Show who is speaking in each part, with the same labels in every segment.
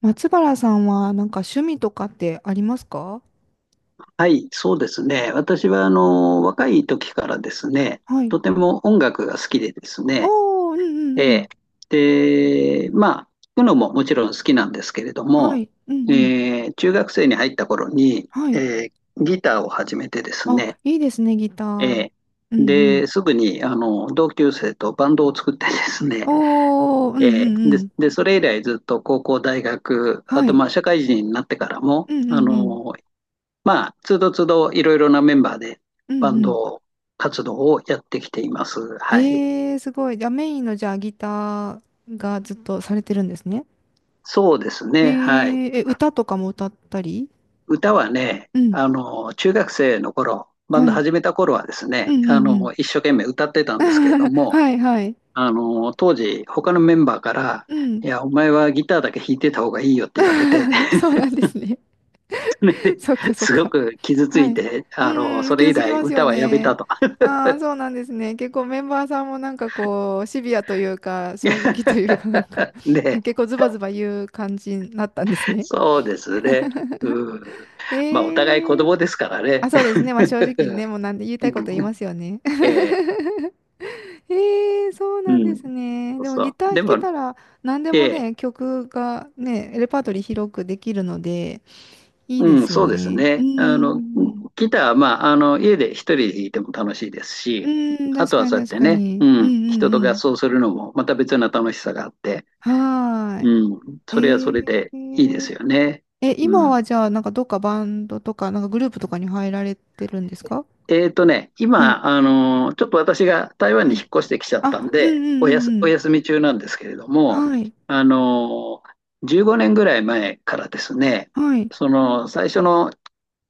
Speaker 1: 松原さんはなんか趣味とかってありますか？
Speaker 2: はい、そうですね。私は、若い時からですね、
Speaker 1: はい。
Speaker 2: とても音楽が好きでですね、
Speaker 1: おー、うんうん
Speaker 2: え
Speaker 1: うん。
Speaker 2: えで、まあ、聴くのももちろん好きなんですけれど
Speaker 1: は
Speaker 2: も、
Speaker 1: い。うんうん。
Speaker 2: え中学生に入った頃に、
Speaker 1: はい。
Speaker 2: ギターを始めてです
Speaker 1: あ、
Speaker 2: ね、
Speaker 1: いいですね、ギタ
Speaker 2: え
Speaker 1: ー。
Speaker 2: ー
Speaker 1: うんうん。
Speaker 2: で、すぐに、同級生とバンドを作ってですね、
Speaker 1: おー、うんう
Speaker 2: え
Speaker 1: ん
Speaker 2: ー
Speaker 1: う
Speaker 2: で、
Speaker 1: ん。
Speaker 2: で、それ以来ずっと高校、大学、あ
Speaker 1: は
Speaker 2: と、
Speaker 1: い。
Speaker 2: まあ、社会人になってからも、
Speaker 1: うんうんうん。
Speaker 2: まあ、つどつどいろいろなメンバーで
Speaker 1: う
Speaker 2: バ
Speaker 1: ん
Speaker 2: ン
Speaker 1: う
Speaker 2: ド活動をやってきています。
Speaker 1: ん。
Speaker 2: はい。
Speaker 1: えー、すごい。じゃあメインのじゃあギターがずっとされてるんですね。
Speaker 2: そうです
Speaker 1: え
Speaker 2: ね。はい。
Speaker 1: ー、え、歌とかも歌ったり？
Speaker 2: 歌はね、
Speaker 1: うん。
Speaker 2: 中学生の頃、バン
Speaker 1: は
Speaker 2: ド
Speaker 1: い。
Speaker 2: 始めた頃はです
Speaker 1: う
Speaker 2: ね、
Speaker 1: んうんうん。
Speaker 2: 一生懸命歌ってたんですけれど も、
Speaker 1: はいはい。
Speaker 2: 当時、他のメンバーから、
Speaker 1: う
Speaker 2: い
Speaker 1: ん。
Speaker 2: や、お前はギターだけ弾いてた方がいいよって言われて、
Speaker 1: そうなんですね。
Speaker 2: それ で
Speaker 1: そっかそっ
Speaker 2: すご
Speaker 1: か。
Speaker 2: く傷つ
Speaker 1: は
Speaker 2: い
Speaker 1: い。
Speaker 2: て、
Speaker 1: うんうん、
Speaker 2: それ
Speaker 1: 傷
Speaker 2: 以
Speaker 1: つき
Speaker 2: 来
Speaker 1: ますよ
Speaker 2: 歌はやめた
Speaker 1: ね。
Speaker 2: と。
Speaker 1: ああ、そうなんですね。結構メンバーさんもなんかこう、シビアというか、正直というか、なんか
Speaker 2: で、
Speaker 1: 結構ズバズバ言う感じになったんですね。
Speaker 2: そうですね。うん。まあ、お互い子
Speaker 1: ええ、
Speaker 2: 供ですから
Speaker 1: あ、
Speaker 2: ね。
Speaker 1: そうですね。まあ正直にね、もうな んで言い
Speaker 2: う
Speaker 1: たい
Speaker 2: ん。
Speaker 1: こと言いますよね。
Speaker 2: ええ、
Speaker 1: ええ、そう
Speaker 2: う
Speaker 1: なんで
Speaker 2: ん。
Speaker 1: すね。
Speaker 2: そう
Speaker 1: でも
Speaker 2: そ
Speaker 1: ギター
Speaker 2: う。
Speaker 1: 弾
Speaker 2: で
Speaker 1: け
Speaker 2: も、
Speaker 1: たら何で
Speaker 2: え
Speaker 1: も
Speaker 2: え、
Speaker 1: ね、曲がね、レパートリー広くできるので、いいで
Speaker 2: うん、
Speaker 1: すよ
Speaker 2: そうです
Speaker 1: ね。う
Speaker 2: ね。
Speaker 1: んうんうん。
Speaker 2: ギターは、まあ、家で一人で弾いても楽しいです
Speaker 1: う
Speaker 2: し、
Speaker 1: ーん、
Speaker 2: あ
Speaker 1: 確
Speaker 2: とは
Speaker 1: かに
Speaker 2: そうやっ
Speaker 1: 確
Speaker 2: て
Speaker 1: か
Speaker 2: ね、
Speaker 1: に。
Speaker 2: う
Speaker 1: うんう
Speaker 2: ん、人と
Speaker 1: んう
Speaker 2: 合
Speaker 1: ん。
Speaker 2: 奏するのもまた別な楽しさがあって、
Speaker 1: は
Speaker 2: うん、
Speaker 1: ー
Speaker 2: それはそれ
Speaker 1: い。え
Speaker 2: でいいです
Speaker 1: ー、
Speaker 2: よね。
Speaker 1: え、今
Speaker 2: うん。
Speaker 1: はじゃあ、なんかどっかバンドとか、なんかグループとかに入られてるんですか？はい、
Speaker 2: 今、ちょっと私が台湾
Speaker 1: は
Speaker 2: に引
Speaker 1: い。
Speaker 2: っ越してきちゃったん
Speaker 1: あ、うんう
Speaker 2: で、
Speaker 1: ん
Speaker 2: お
Speaker 1: う
Speaker 2: やす、
Speaker 1: んう
Speaker 2: お
Speaker 1: ん。
Speaker 2: 休み中なんですけれども、
Speaker 1: はい、
Speaker 2: あの15年ぐらい前からですね、
Speaker 1: はい。
Speaker 2: その最初の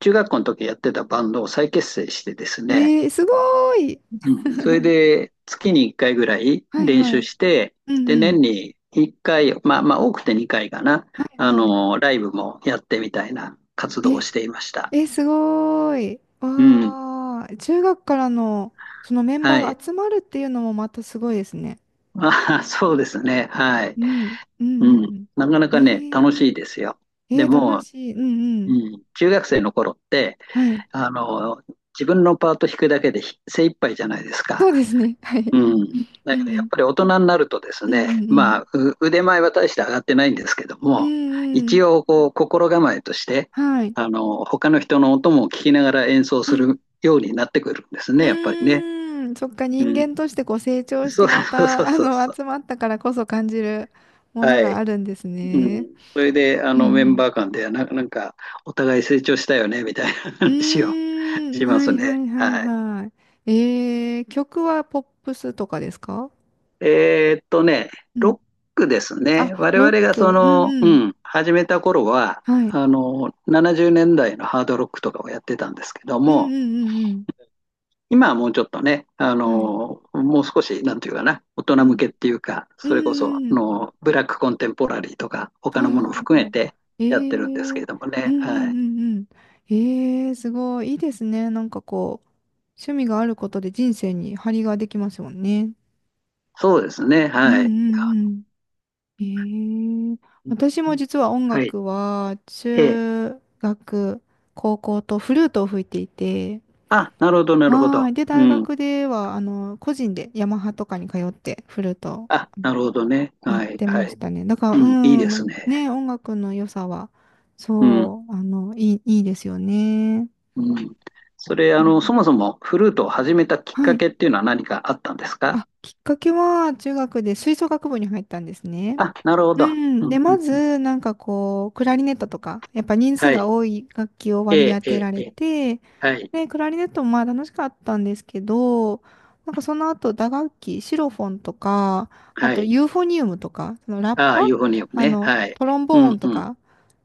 Speaker 2: 中学校の時やってたバンドを再結成してです
Speaker 1: え
Speaker 2: ね、
Speaker 1: ー、すごーい。
Speaker 2: うん、それで月に1回ぐらい
Speaker 1: はい
Speaker 2: 練
Speaker 1: は
Speaker 2: 習
Speaker 1: い。
Speaker 2: して、
Speaker 1: うん
Speaker 2: で、
Speaker 1: う
Speaker 2: 年
Speaker 1: ん。
Speaker 2: に1回、まあまあ多くて2回かな、
Speaker 1: はいはい。
Speaker 2: ライブもやってみたいな活動を
Speaker 1: え、
Speaker 2: していました。
Speaker 1: え、すごーい。
Speaker 2: うん。
Speaker 1: わー。中学からのそのメンバー
Speaker 2: は
Speaker 1: が
Speaker 2: い。
Speaker 1: 集まるっていうのもまたすごいですね。
Speaker 2: まああ、そうですね。はい。
Speaker 1: うん、うんう
Speaker 2: うん。
Speaker 1: ん。
Speaker 2: なかな
Speaker 1: え
Speaker 2: かね、楽し
Speaker 1: ー、
Speaker 2: いですよ。
Speaker 1: え
Speaker 2: で
Speaker 1: ー、楽
Speaker 2: も、
Speaker 1: しい。うんう
Speaker 2: う
Speaker 1: ん。
Speaker 2: ん、中学生の頃って、
Speaker 1: はい。
Speaker 2: あの、自分のパート弾くだけで精一杯じゃないですか。
Speaker 1: そうですね。はい。
Speaker 2: うん。だ
Speaker 1: う
Speaker 2: け
Speaker 1: ん
Speaker 2: ど、
Speaker 1: う
Speaker 2: やっ
Speaker 1: ん。
Speaker 2: ぱり大人になるとです
Speaker 1: うん
Speaker 2: ね、
Speaker 1: うんう
Speaker 2: ま
Speaker 1: ん。
Speaker 2: あ、腕前は大して上がってないんですけど
Speaker 1: うん
Speaker 2: も、
Speaker 1: う
Speaker 2: 一
Speaker 1: ん。
Speaker 2: 応、こう、心構えとして、
Speaker 1: はい。
Speaker 2: 他の人の音も聞きながら演奏
Speaker 1: う
Speaker 2: す
Speaker 1: ん。
Speaker 2: るようになってくるんですね、やっぱり
Speaker 1: う
Speaker 2: ね。
Speaker 1: ーん。そっか、
Speaker 2: う
Speaker 1: 人
Speaker 2: ん。
Speaker 1: 間としてこう成長し
Speaker 2: そ
Speaker 1: て
Speaker 2: う
Speaker 1: ま
Speaker 2: そうそう
Speaker 1: た、あ
Speaker 2: そう
Speaker 1: の、
Speaker 2: そう。
Speaker 1: 集まったからこそ感じるもの
Speaker 2: は
Speaker 1: が
Speaker 2: い。
Speaker 1: あるんです
Speaker 2: う
Speaker 1: ね。
Speaker 2: ん。それで、
Speaker 1: う
Speaker 2: メン
Speaker 1: ん
Speaker 2: バー間で、なんか、お互い成長したよね、みたいな
Speaker 1: うん。
Speaker 2: 話を
Speaker 1: う ー
Speaker 2: し
Speaker 1: ん。
Speaker 2: ま
Speaker 1: は
Speaker 2: す
Speaker 1: いは
Speaker 2: ね。
Speaker 1: いはい
Speaker 2: はい。
Speaker 1: はい。えー、曲はポップスとかですか？
Speaker 2: えーっとね、
Speaker 1: うん。
Speaker 2: ロックですね。
Speaker 1: あ、
Speaker 2: 我
Speaker 1: ロ
Speaker 2: 々
Speaker 1: ッ
Speaker 2: が
Speaker 1: ク。
Speaker 2: そ
Speaker 1: うん
Speaker 2: の、
Speaker 1: う
Speaker 2: う
Speaker 1: ん。
Speaker 2: ん、始めた頃は、
Speaker 1: はい。
Speaker 2: 70年代のハードロックとかをやってたんですけど
Speaker 1: うん
Speaker 2: も、
Speaker 1: うんうん
Speaker 2: 今はもうちょっとね、
Speaker 1: うん。はい。
Speaker 2: もう少し、なんていうかな、大
Speaker 1: う
Speaker 2: 人向
Speaker 1: ん。
Speaker 2: けっていうか、
Speaker 1: うん
Speaker 2: それこそ、
Speaker 1: うんうん。
Speaker 2: ブラックコンテンポラリーとか、他
Speaker 1: は
Speaker 2: の
Speaker 1: い
Speaker 2: もの
Speaker 1: は
Speaker 2: を
Speaker 1: い
Speaker 2: 含
Speaker 1: は
Speaker 2: めて
Speaker 1: い。
Speaker 2: やってるんです
Speaker 1: え
Speaker 2: け
Speaker 1: え、
Speaker 2: れども
Speaker 1: うんう
Speaker 2: ね。は
Speaker 1: ん
Speaker 2: い。
Speaker 1: うんうん。ええ、すごい。いいですね。なんかこう、趣味があることで人生に張りができますもんね。
Speaker 2: そうですね。
Speaker 1: うん
Speaker 2: はい。
Speaker 1: うんうん。ええ、
Speaker 2: うん、
Speaker 1: 私も実は音
Speaker 2: はい。
Speaker 1: 楽は、
Speaker 2: ええ。
Speaker 1: 中学、高校とフルートを吹いていて、
Speaker 2: あ、なるほど、なるほ
Speaker 1: は
Speaker 2: ど。
Speaker 1: い。で、
Speaker 2: う
Speaker 1: 大
Speaker 2: ん。
Speaker 1: 学では、あの、個人でヤマハとかに通ってフルート
Speaker 2: あ、なるほどね。
Speaker 1: やっ
Speaker 2: はい、
Speaker 1: て
Speaker 2: は
Speaker 1: まし
Speaker 2: い。
Speaker 1: たね。だから、
Speaker 2: うん、いい
Speaker 1: う
Speaker 2: です
Speaker 1: ん、
Speaker 2: ね。
Speaker 1: ね、音楽の良さは、
Speaker 2: うん、
Speaker 1: そう、あの、いいですよね。
Speaker 2: うん。それ、
Speaker 1: う
Speaker 2: そ
Speaker 1: ん。
Speaker 2: もそもフルートを始めたきっ
Speaker 1: は
Speaker 2: か
Speaker 1: い。
Speaker 2: けっていうのは何かあったんですか？
Speaker 1: あ、きっかけは、中学で吹奏楽部に入ったんですね。
Speaker 2: あ、なるほ
Speaker 1: う
Speaker 2: ど。
Speaker 1: ん。
Speaker 2: う
Speaker 1: で、
Speaker 2: ん、
Speaker 1: ま
Speaker 2: うん。
Speaker 1: ず、なんかこう、クラリネットとか、やっぱ人数
Speaker 2: はい。
Speaker 1: が多い楽器を割
Speaker 2: え
Speaker 1: り
Speaker 2: え、
Speaker 1: 当
Speaker 2: え
Speaker 1: て
Speaker 2: え、
Speaker 1: ら
Speaker 2: え
Speaker 1: れ
Speaker 2: え。
Speaker 1: て、
Speaker 2: はい、
Speaker 1: で、クラリネットもまあ楽しかったんですけど、なんかその後、打楽器、シロフォンとか、あ
Speaker 2: は
Speaker 1: と
Speaker 2: い。
Speaker 1: ユーフォニウムとか、そのラッ
Speaker 2: ああ、
Speaker 1: パ、
Speaker 2: ユーフォニウム
Speaker 1: あ
Speaker 2: ね。
Speaker 1: の、
Speaker 2: はい。
Speaker 1: トロン
Speaker 2: う
Speaker 1: ボー
Speaker 2: ん、
Speaker 1: ンと
Speaker 2: うん。
Speaker 1: か、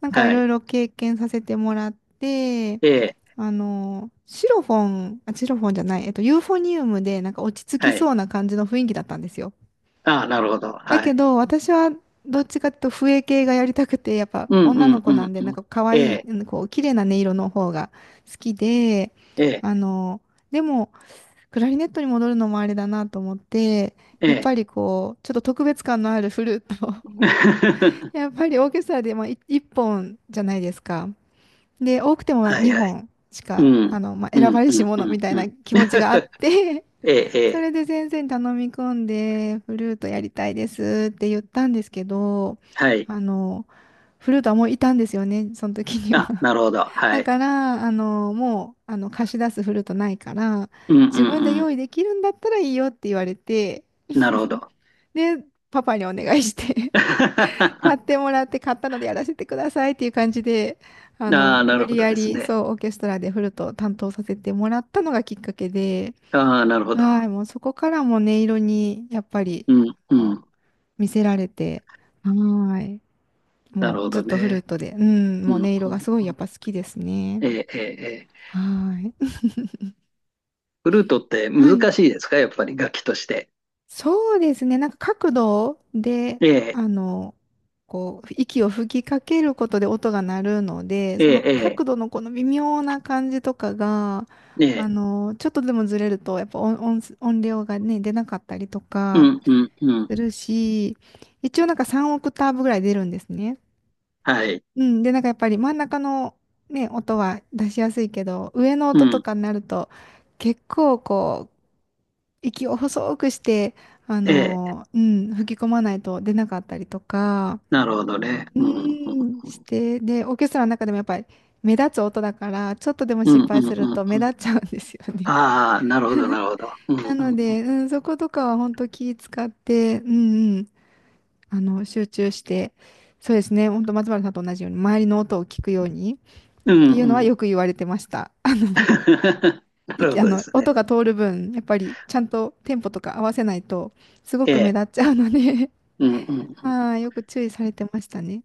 Speaker 1: なんかい
Speaker 2: は
Speaker 1: ろ
Speaker 2: い。
Speaker 1: いろ経験させてもらって、
Speaker 2: ええ、
Speaker 1: あの、シロフォン、あ、シロフォンじゃない、ユーフォニウムでなんか落ち着き
Speaker 2: はい。
Speaker 1: そうな感じの雰囲気だったんですよ。
Speaker 2: ああ、なるほど。
Speaker 1: だ
Speaker 2: は
Speaker 1: け
Speaker 2: い。
Speaker 1: ど、私はどっちかっていうと笛系がやりたくて、やっぱ
Speaker 2: うん、
Speaker 1: 女
Speaker 2: う
Speaker 1: の
Speaker 2: ん、
Speaker 1: 子
Speaker 2: う
Speaker 1: なん
Speaker 2: ん、
Speaker 1: で、
Speaker 2: う
Speaker 1: なん
Speaker 2: ん。
Speaker 1: か可
Speaker 2: え
Speaker 1: 愛い、
Speaker 2: え、
Speaker 1: うん、こう、綺麗な音色の方が好きで、
Speaker 2: ええ、
Speaker 1: あの、でも、クラリネットに戻るのもあれだなと思って、
Speaker 2: え
Speaker 1: やっ
Speaker 2: え。
Speaker 1: ぱりこう、ちょっと特別感のあるフルートを、 やっぱりオーケストラで、まあ、い一本じゃないですか。で、多くても
Speaker 2: はいは
Speaker 1: 2
Speaker 2: い。
Speaker 1: 本し
Speaker 2: う
Speaker 1: か、
Speaker 2: ん、
Speaker 1: あの、まあ、選
Speaker 2: うん、
Speaker 1: ばれ
Speaker 2: う
Speaker 1: し
Speaker 2: ん、う
Speaker 1: 者み
Speaker 2: ん、
Speaker 1: たい
Speaker 2: うん。
Speaker 1: な気持ちがあっ て、
Speaker 2: ええ、え
Speaker 1: そ
Speaker 2: え、
Speaker 1: れで先生に頼み込んで、フルートやりたいですって言ったんですけど、
Speaker 2: はい。
Speaker 1: あの、フルートはもういたんですよね、その時に
Speaker 2: あ、
Speaker 1: は。
Speaker 2: なるほど。は
Speaker 1: だか
Speaker 2: い。
Speaker 1: ら、あの、もう、あの、貸し出すフルートないから、
Speaker 2: うん、うん、
Speaker 1: 自分で
Speaker 2: うん。
Speaker 1: 用意できるんだったらいいよって言われて、
Speaker 2: なるほど。
Speaker 1: で、パパにお願いして 買
Speaker 2: あ
Speaker 1: ってもらって、買ったのでやらせてくださいっていう感じで、あの、
Speaker 2: あ、な
Speaker 1: 無
Speaker 2: るほ
Speaker 1: 理
Speaker 2: ど
Speaker 1: や
Speaker 2: です
Speaker 1: り、
Speaker 2: ね。
Speaker 1: そう、オーケストラでフルートを担当させてもらったのがきっかけで、
Speaker 2: ああ、なるほど。
Speaker 1: はい、もうそこからもう音色にやっぱり
Speaker 2: うん、う
Speaker 1: も
Speaker 2: ん。
Speaker 1: う見せられて、はい、
Speaker 2: なる
Speaker 1: もう
Speaker 2: ほ
Speaker 1: ずっ
Speaker 2: ど
Speaker 1: とフルー
Speaker 2: ね。
Speaker 1: トで、うん、
Speaker 2: う
Speaker 1: もう
Speaker 2: ん、
Speaker 1: 音色
Speaker 2: うん、
Speaker 1: が
Speaker 2: う
Speaker 1: すごいやっ
Speaker 2: ん、
Speaker 1: ぱ好きですね。
Speaker 2: ええ、ええ、ええ。
Speaker 1: はい。
Speaker 2: フルートって
Speaker 1: はい。
Speaker 2: 難しいですか、やっぱり楽器として？
Speaker 1: そうですね、なんか角度で、
Speaker 2: ええ、
Speaker 1: あの、こう、息を吹きかけることで音が鳴るので、
Speaker 2: え
Speaker 1: その
Speaker 2: え、
Speaker 1: 角度のこの微妙な感じとかが、
Speaker 2: ええ、え
Speaker 1: あ
Speaker 2: え。
Speaker 1: の、ちょっとでもずれると、やっぱ音、音、音量がね、出なかったりと
Speaker 2: う
Speaker 1: か、
Speaker 2: ん、うん、う
Speaker 1: す
Speaker 2: ん。
Speaker 1: るし、一応なんか3オクターブぐらい出るんですね。
Speaker 2: はい。
Speaker 1: うん。で、なんかやっぱり真ん中のね、音は出しやすいけど、上の
Speaker 2: う
Speaker 1: 音と
Speaker 2: ん。
Speaker 1: かになると、結構こう、息を細くして、あ
Speaker 2: ええ、
Speaker 1: の、うん、吹き込まないと出なかったりとか、
Speaker 2: なるほどね。
Speaker 1: う
Speaker 2: うん、うん、
Speaker 1: ん、
Speaker 2: う
Speaker 1: し
Speaker 2: ん。
Speaker 1: て、で、オーケストラの中でもやっぱり目立つ音だから、ちょっとでも
Speaker 2: う
Speaker 1: 失
Speaker 2: ん、う
Speaker 1: 敗
Speaker 2: ん、
Speaker 1: する
Speaker 2: うん。
Speaker 1: と目
Speaker 2: うん、
Speaker 1: 立っちゃうんですよね。
Speaker 2: ああ、なるほど、なるほど。うん、
Speaker 1: なの
Speaker 2: うん。
Speaker 1: で、うん、そことかは本当気使って、うん、あの、集中して、そうですね、本当松原さんと同じように、周りの音を聞くようにっ
Speaker 2: う
Speaker 1: てい
Speaker 2: ん、
Speaker 1: うのは
Speaker 2: うん。
Speaker 1: よく言われてました。あの、
Speaker 2: な
Speaker 1: い
Speaker 2: る
Speaker 1: き、
Speaker 2: ほ
Speaker 1: あ
Speaker 2: どで
Speaker 1: の、
Speaker 2: すね。
Speaker 1: 音が通る分、やっぱりちゃんとテンポとか合わせないと、すご
Speaker 2: え
Speaker 1: く目
Speaker 2: え。
Speaker 1: 立っちゃうので、
Speaker 2: うん、うん、う ん。
Speaker 1: はい、よく注意されてましたね。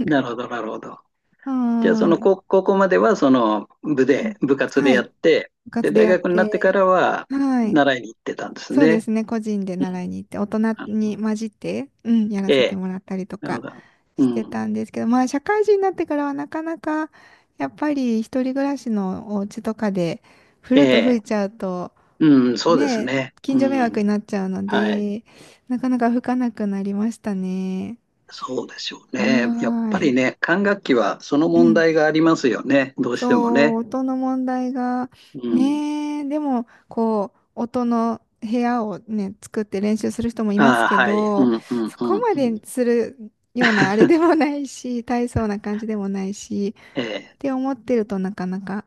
Speaker 2: なるほど、なるほど。
Speaker 1: は
Speaker 2: じゃあ、そ
Speaker 1: ー
Speaker 2: の
Speaker 1: い。
Speaker 2: 高校までは、その部
Speaker 1: うん。
Speaker 2: で、部活で
Speaker 1: はい。
Speaker 2: やって、
Speaker 1: 部
Speaker 2: で、
Speaker 1: 活で
Speaker 2: 大
Speaker 1: やっ
Speaker 2: 学になってか
Speaker 1: て、
Speaker 2: らは、
Speaker 1: はい。
Speaker 2: 習いに行ってたんです
Speaker 1: そうで
Speaker 2: ね。
Speaker 1: すね、個人で
Speaker 2: う
Speaker 1: 習い
Speaker 2: ん。
Speaker 1: に行って、大人
Speaker 2: あの
Speaker 1: に混じって、うん、やら
Speaker 2: え
Speaker 1: せて
Speaker 2: え。
Speaker 1: もらったりと
Speaker 2: なるほ
Speaker 1: か
Speaker 2: ど。う
Speaker 1: して
Speaker 2: ん。
Speaker 1: たんですけど、まあ、社会人になってからはなかなか、やっぱり一人暮らしのお家とかで、フ
Speaker 2: え
Speaker 1: ルート吹
Speaker 2: え。
Speaker 1: いちゃうと、
Speaker 2: うん、そうです
Speaker 1: ね、
Speaker 2: ね。う
Speaker 1: 近所迷惑
Speaker 2: ん。
Speaker 1: になっちゃうの
Speaker 2: はい。
Speaker 1: で、なかなか吹かなくなりましたね。
Speaker 2: そうでしょう
Speaker 1: は
Speaker 2: ね。やっ
Speaker 1: ー
Speaker 2: ぱり
Speaker 1: い。
Speaker 2: ね、管楽器はその
Speaker 1: う
Speaker 2: 問
Speaker 1: ん、
Speaker 2: 題がありますよね。どうし
Speaker 1: そ
Speaker 2: ても
Speaker 1: う、
Speaker 2: ね。
Speaker 1: 音の問題が、
Speaker 2: うん。
Speaker 1: ねえ、でも、こう、音の部屋をね、作って練習する人もいます
Speaker 2: ああ、
Speaker 1: け
Speaker 2: はい。う
Speaker 1: ど、
Speaker 2: ん、うん、
Speaker 1: そ
Speaker 2: う
Speaker 1: こ
Speaker 2: ん、
Speaker 1: ま
Speaker 2: う
Speaker 1: で
Speaker 2: ん。
Speaker 1: するようなあれで もないし、大層な感じでもないし、
Speaker 2: え
Speaker 1: っ
Speaker 2: え。
Speaker 1: て思ってるとなかなか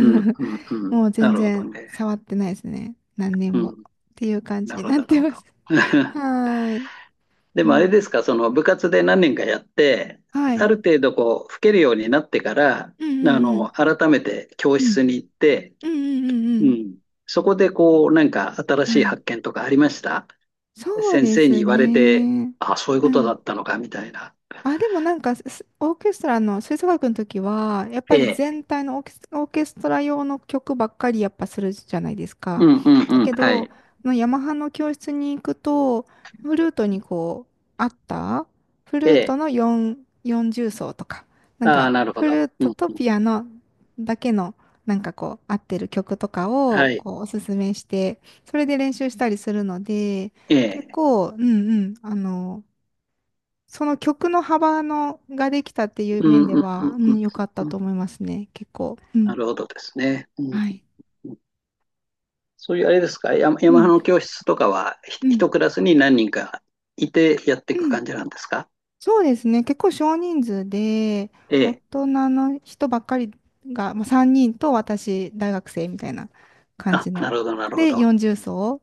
Speaker 2: うん、うん、う ん。
Speaker 1: もう
Speaker 2: な
Speaker 1: 全
Speaker 2: るほど
Speaker 1: 然
Speaker 2: ね。
Speaker 1: 触ってないですね。何年
Speaker 2: う
Speaker 1: も。
Speaker 2: ん。
Speaker 1: っていう感じ
Speaker 2: な
Speaker 1: に
Speaker 2: るほ
Speaker 1: なっ
Speaker 2: ど、なる
Speaker 1: て
Speaker 2: ほ
Speaker 1: ま
Speaker 2: ど。
Speaker 1: す。はーい。
Speaker 2: で
Speaker 1: う
Speaker 2: もあれです
Speaker 1: ん。
Speaker 2: か、その部活で何年かやって、
Speaker 1: は
Speaker 2: あ
Speaker 1: い。
Speaker 2: る程度こう、吹けるようになってから、
Speaker 1: うんうんうん。
Speaker 2: 改めて教
Speaker 1: うん。
Speaker 2: 室に行って、
Speaker 1: うんうんうんう
Speaker 2: う
Speaker 1: ん。
Speaker 2: ん。そこでこう、なんか新しい
Speaker 1: はい。
Speaker 2: 発見とかありました？
Speaker 1: そう
Speaker 2: 先
Speaker 1: で
Speaker 2: 生に
Speaker 1: す
Speaker 2: 言われて、
Speaker 1: ね。
Speaker 2: あ、そういう
Speaker 1: う
Speaker 2: ことだ
Speaker 1: ん。
Speaker 2: ったのか、みたいな。
Speaker 1: あ、でもなんかす、オーケストラの吹奏楽の時は、やっぱり
Speaker 2: え
Speaker 1: 全
Speaker 2: え。
Speaker 1: 体のオーケス、オーケストラ用の曲ばっかりやっぱするじゃないです
Speaker 2: う
Speaker 1: か。
Speaker 2: ん、うん、
Speaker 1: だ
Speaker 2: うん。
Speaker 1: け
Speaker 2: は
Speaker 1: ど、
Speaker 2: い。
Speaker 1: のヤマハの教室に行くと、フルートにこう、あったフル
Speaker 2: え
Speaker 1: ート
Speaker 2: え。
Speaker 1: の4、40奏とか、なん
Speaker 2: ああ、
Speaker 1: か、
Speaker 2: なるほ
Speaker 1: フ
Speaker 2: ど。
Speaker 1: ルー
Speaker 2: う
Speaker 1: ト
Speaker 2: ん。
Speaker 1: とピアノだけの、なんかこう、合ってる曲とかを、
Speaker 2: はい。
Speaker 1: こう、おすすめして、それで練習したりするので、
Speaker 2: え
Speaker 1: 結
Speaker 2: え。
Speaker 1: 構、うん、うん、あの、その曲の幅のができたってい
Speaker 2: う
Speaker 1: う
Speaker 2: ん、
Speaker 1: 面
Speaker 2: うん、
Speaker 1: で
Speaker 2: うん、
Speaker 1: は、う
Speaker 2: う
Speaker 1: ん、
Speaker 2: ん。
Speaker 1: 良かった
Speaker 2: う
Speaker 1: と
Speaker 2: ん、
Speaker 1: 思いますね。結構。う
Speaker 2: な
Speaker 1: ん。
Speaker 2: るほどですね。うん、
Speaker 1: はい。
Speaker 2: そういうあれですか、
Speaker 1: う
Speaker 2: ヤマハ
Speaker 1: ん。
Speaker 2: の教室とかは、
Speaker 1: うん。
Speaker 2: 一クラスに何人かいてやっていく
Speaker 1: うん。
Speaker 2: 感じなんですか？
Speaker 1: そうですね。結構少人数で、
Speaker 2: え
Speaker 1: 大
Speaker 2: え。
Speaker 1: 人の人ばっかりが、まあ、3人と私、大学生みたいな感
Speaker 2: あ、
Speaker 1: じ
Speaker 2: な
Speaker 1: の。
Speaker 2: るほど、なるほ
Speaker 1: で、
Speaker 2: ど。
Speaker 1: 40奏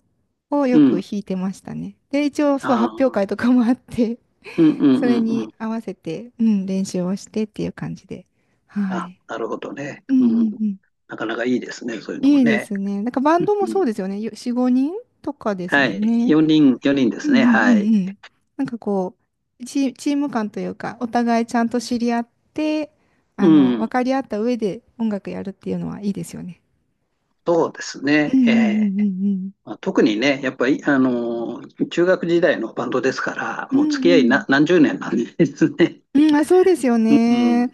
Speaker 1: を
Speaker 2: う
Speaker 1: よく
Speaker 2: ん。
Speaker 1: 弾いてましたね。で、一応、
Speaker 2: あ
Speaker 1: そう、
Speaker 2: ー、
Speaker 1: 発表会とかもあって、
Speaker 2: うん、 う
Speaker 1: そ
Speaker 2: ん、
Speaker 1: れ
Speaker 2: うん、う
Speaker 1: に
Speaker 2: ん。
Speaker 1: 合わせて、うん、練習をしてっていう感じで。は
Speaker 2: あ、
Speaker 1: い。
Speaker 2: なるほどね。
Speaker 1: うんう
Speaker 2: うん。
Speaker 1: んうん。
Speaker 2: なかなかいいですね、そういうのも
Speaker 1: いいで
Speaker 2: ね。
Speaker 1: すね。なんかバ
Speaker 2: う
Speaker 1: ン
Speaker 2: ん。
Speaker 1: ドもそうですよね。よ4、5人とかです
Speaker 2: は
Speaker 1: もん
Speaker 2: い。
Speaker 1: ね。
Speaker 2: 4人、4人で
Speaker 1: うん
Speaker 2: すね。
Speaker 1: うんう
Speaker 2: はい。
Speaker 1: んうん。なんかこう、チ、チーム感というか、お互いちゃんと知り合って、
Speaker 2: う
Speaker 1: あの、分
Speaker 2: ん。
Speaker 1: かり合った上で音楽やるっていうのはいいですよね。
Speaker 2: そうです
Speaker 1: うんう
Speaker 2: ね。ええ。
Speaker 1: んうん
Speaker 2: まあ、特にね、やっぱり、中学時代のバンドですから、
Speaker 1: うん
Speaker 2: もう
Speaker 1: う
Speaker 2: 付
Speaker 1: ん。
Speaker 2: き
Speaker 1: う
Speaker 2: 合いな
Speaker 1: ん
Speaker 2: 何十年なんですね。
Speaker 1: うん。うん、あ、そうですよ
Speaker 2: う
Speaker 1: ね。
Speaker 2: ん。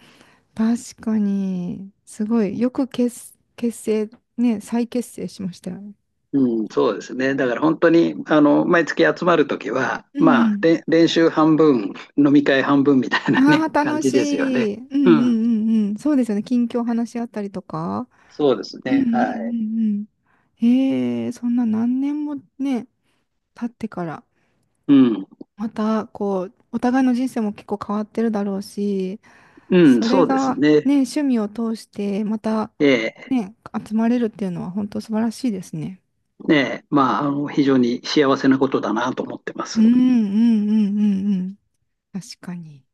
Speaker 1: 確かに。すごい。よく結、結成、ね、再結成しましたよね。
Speaker 2: うん、そうですね。だから本当に、毎月集まるときは、
Speaker 1: うん
Speaker 2: ま
Speaker 1: う
Speaker 2: あ、
Speaker 1: ん。
Speaker 2: 練習半分、飲み会半分みたいな
Speaker 1: ああ、
Speaker 2: ね、感
Speaker 1: 楽
Speaker 2: じ
Speaker 1: し
Speaker 2: ですよね。
Speaker 1: い。うんう
Speaker 2: うん、
Speaker 1: んうんうん。そうですよね。近況話し合ったりとか。
Speaker 2: そうです
Speaker 1: うんう
Speaker 2: ね。
Speaker 1: んう
Speaker 2: はい。
Speaker 1: んうん。ええ、そんな何年もね、経ってから、
Speaker 2: うん、
Speaker 1: またこう、お互いの人生も結構変わってるだろうし、
Speaker 2: うん、
Speaker 1: そ
Speaker 2: そ
Speaker 1: れ
Speaker 2: うです
Speaker 1: が
Speaker 2: ね。
Speaker 1: ね、趣味を通して、また
Speaker 2: ええ、
Speaker 1: ね、集まれるっていうのは本当素晴らしいですね。
Speaker 2: ねえ、まあ、非常に幸せなことだなと思ってま
Speaker 1: う
Speaker 2: す。
Speaker 1: んうんうんうんうん。確かに。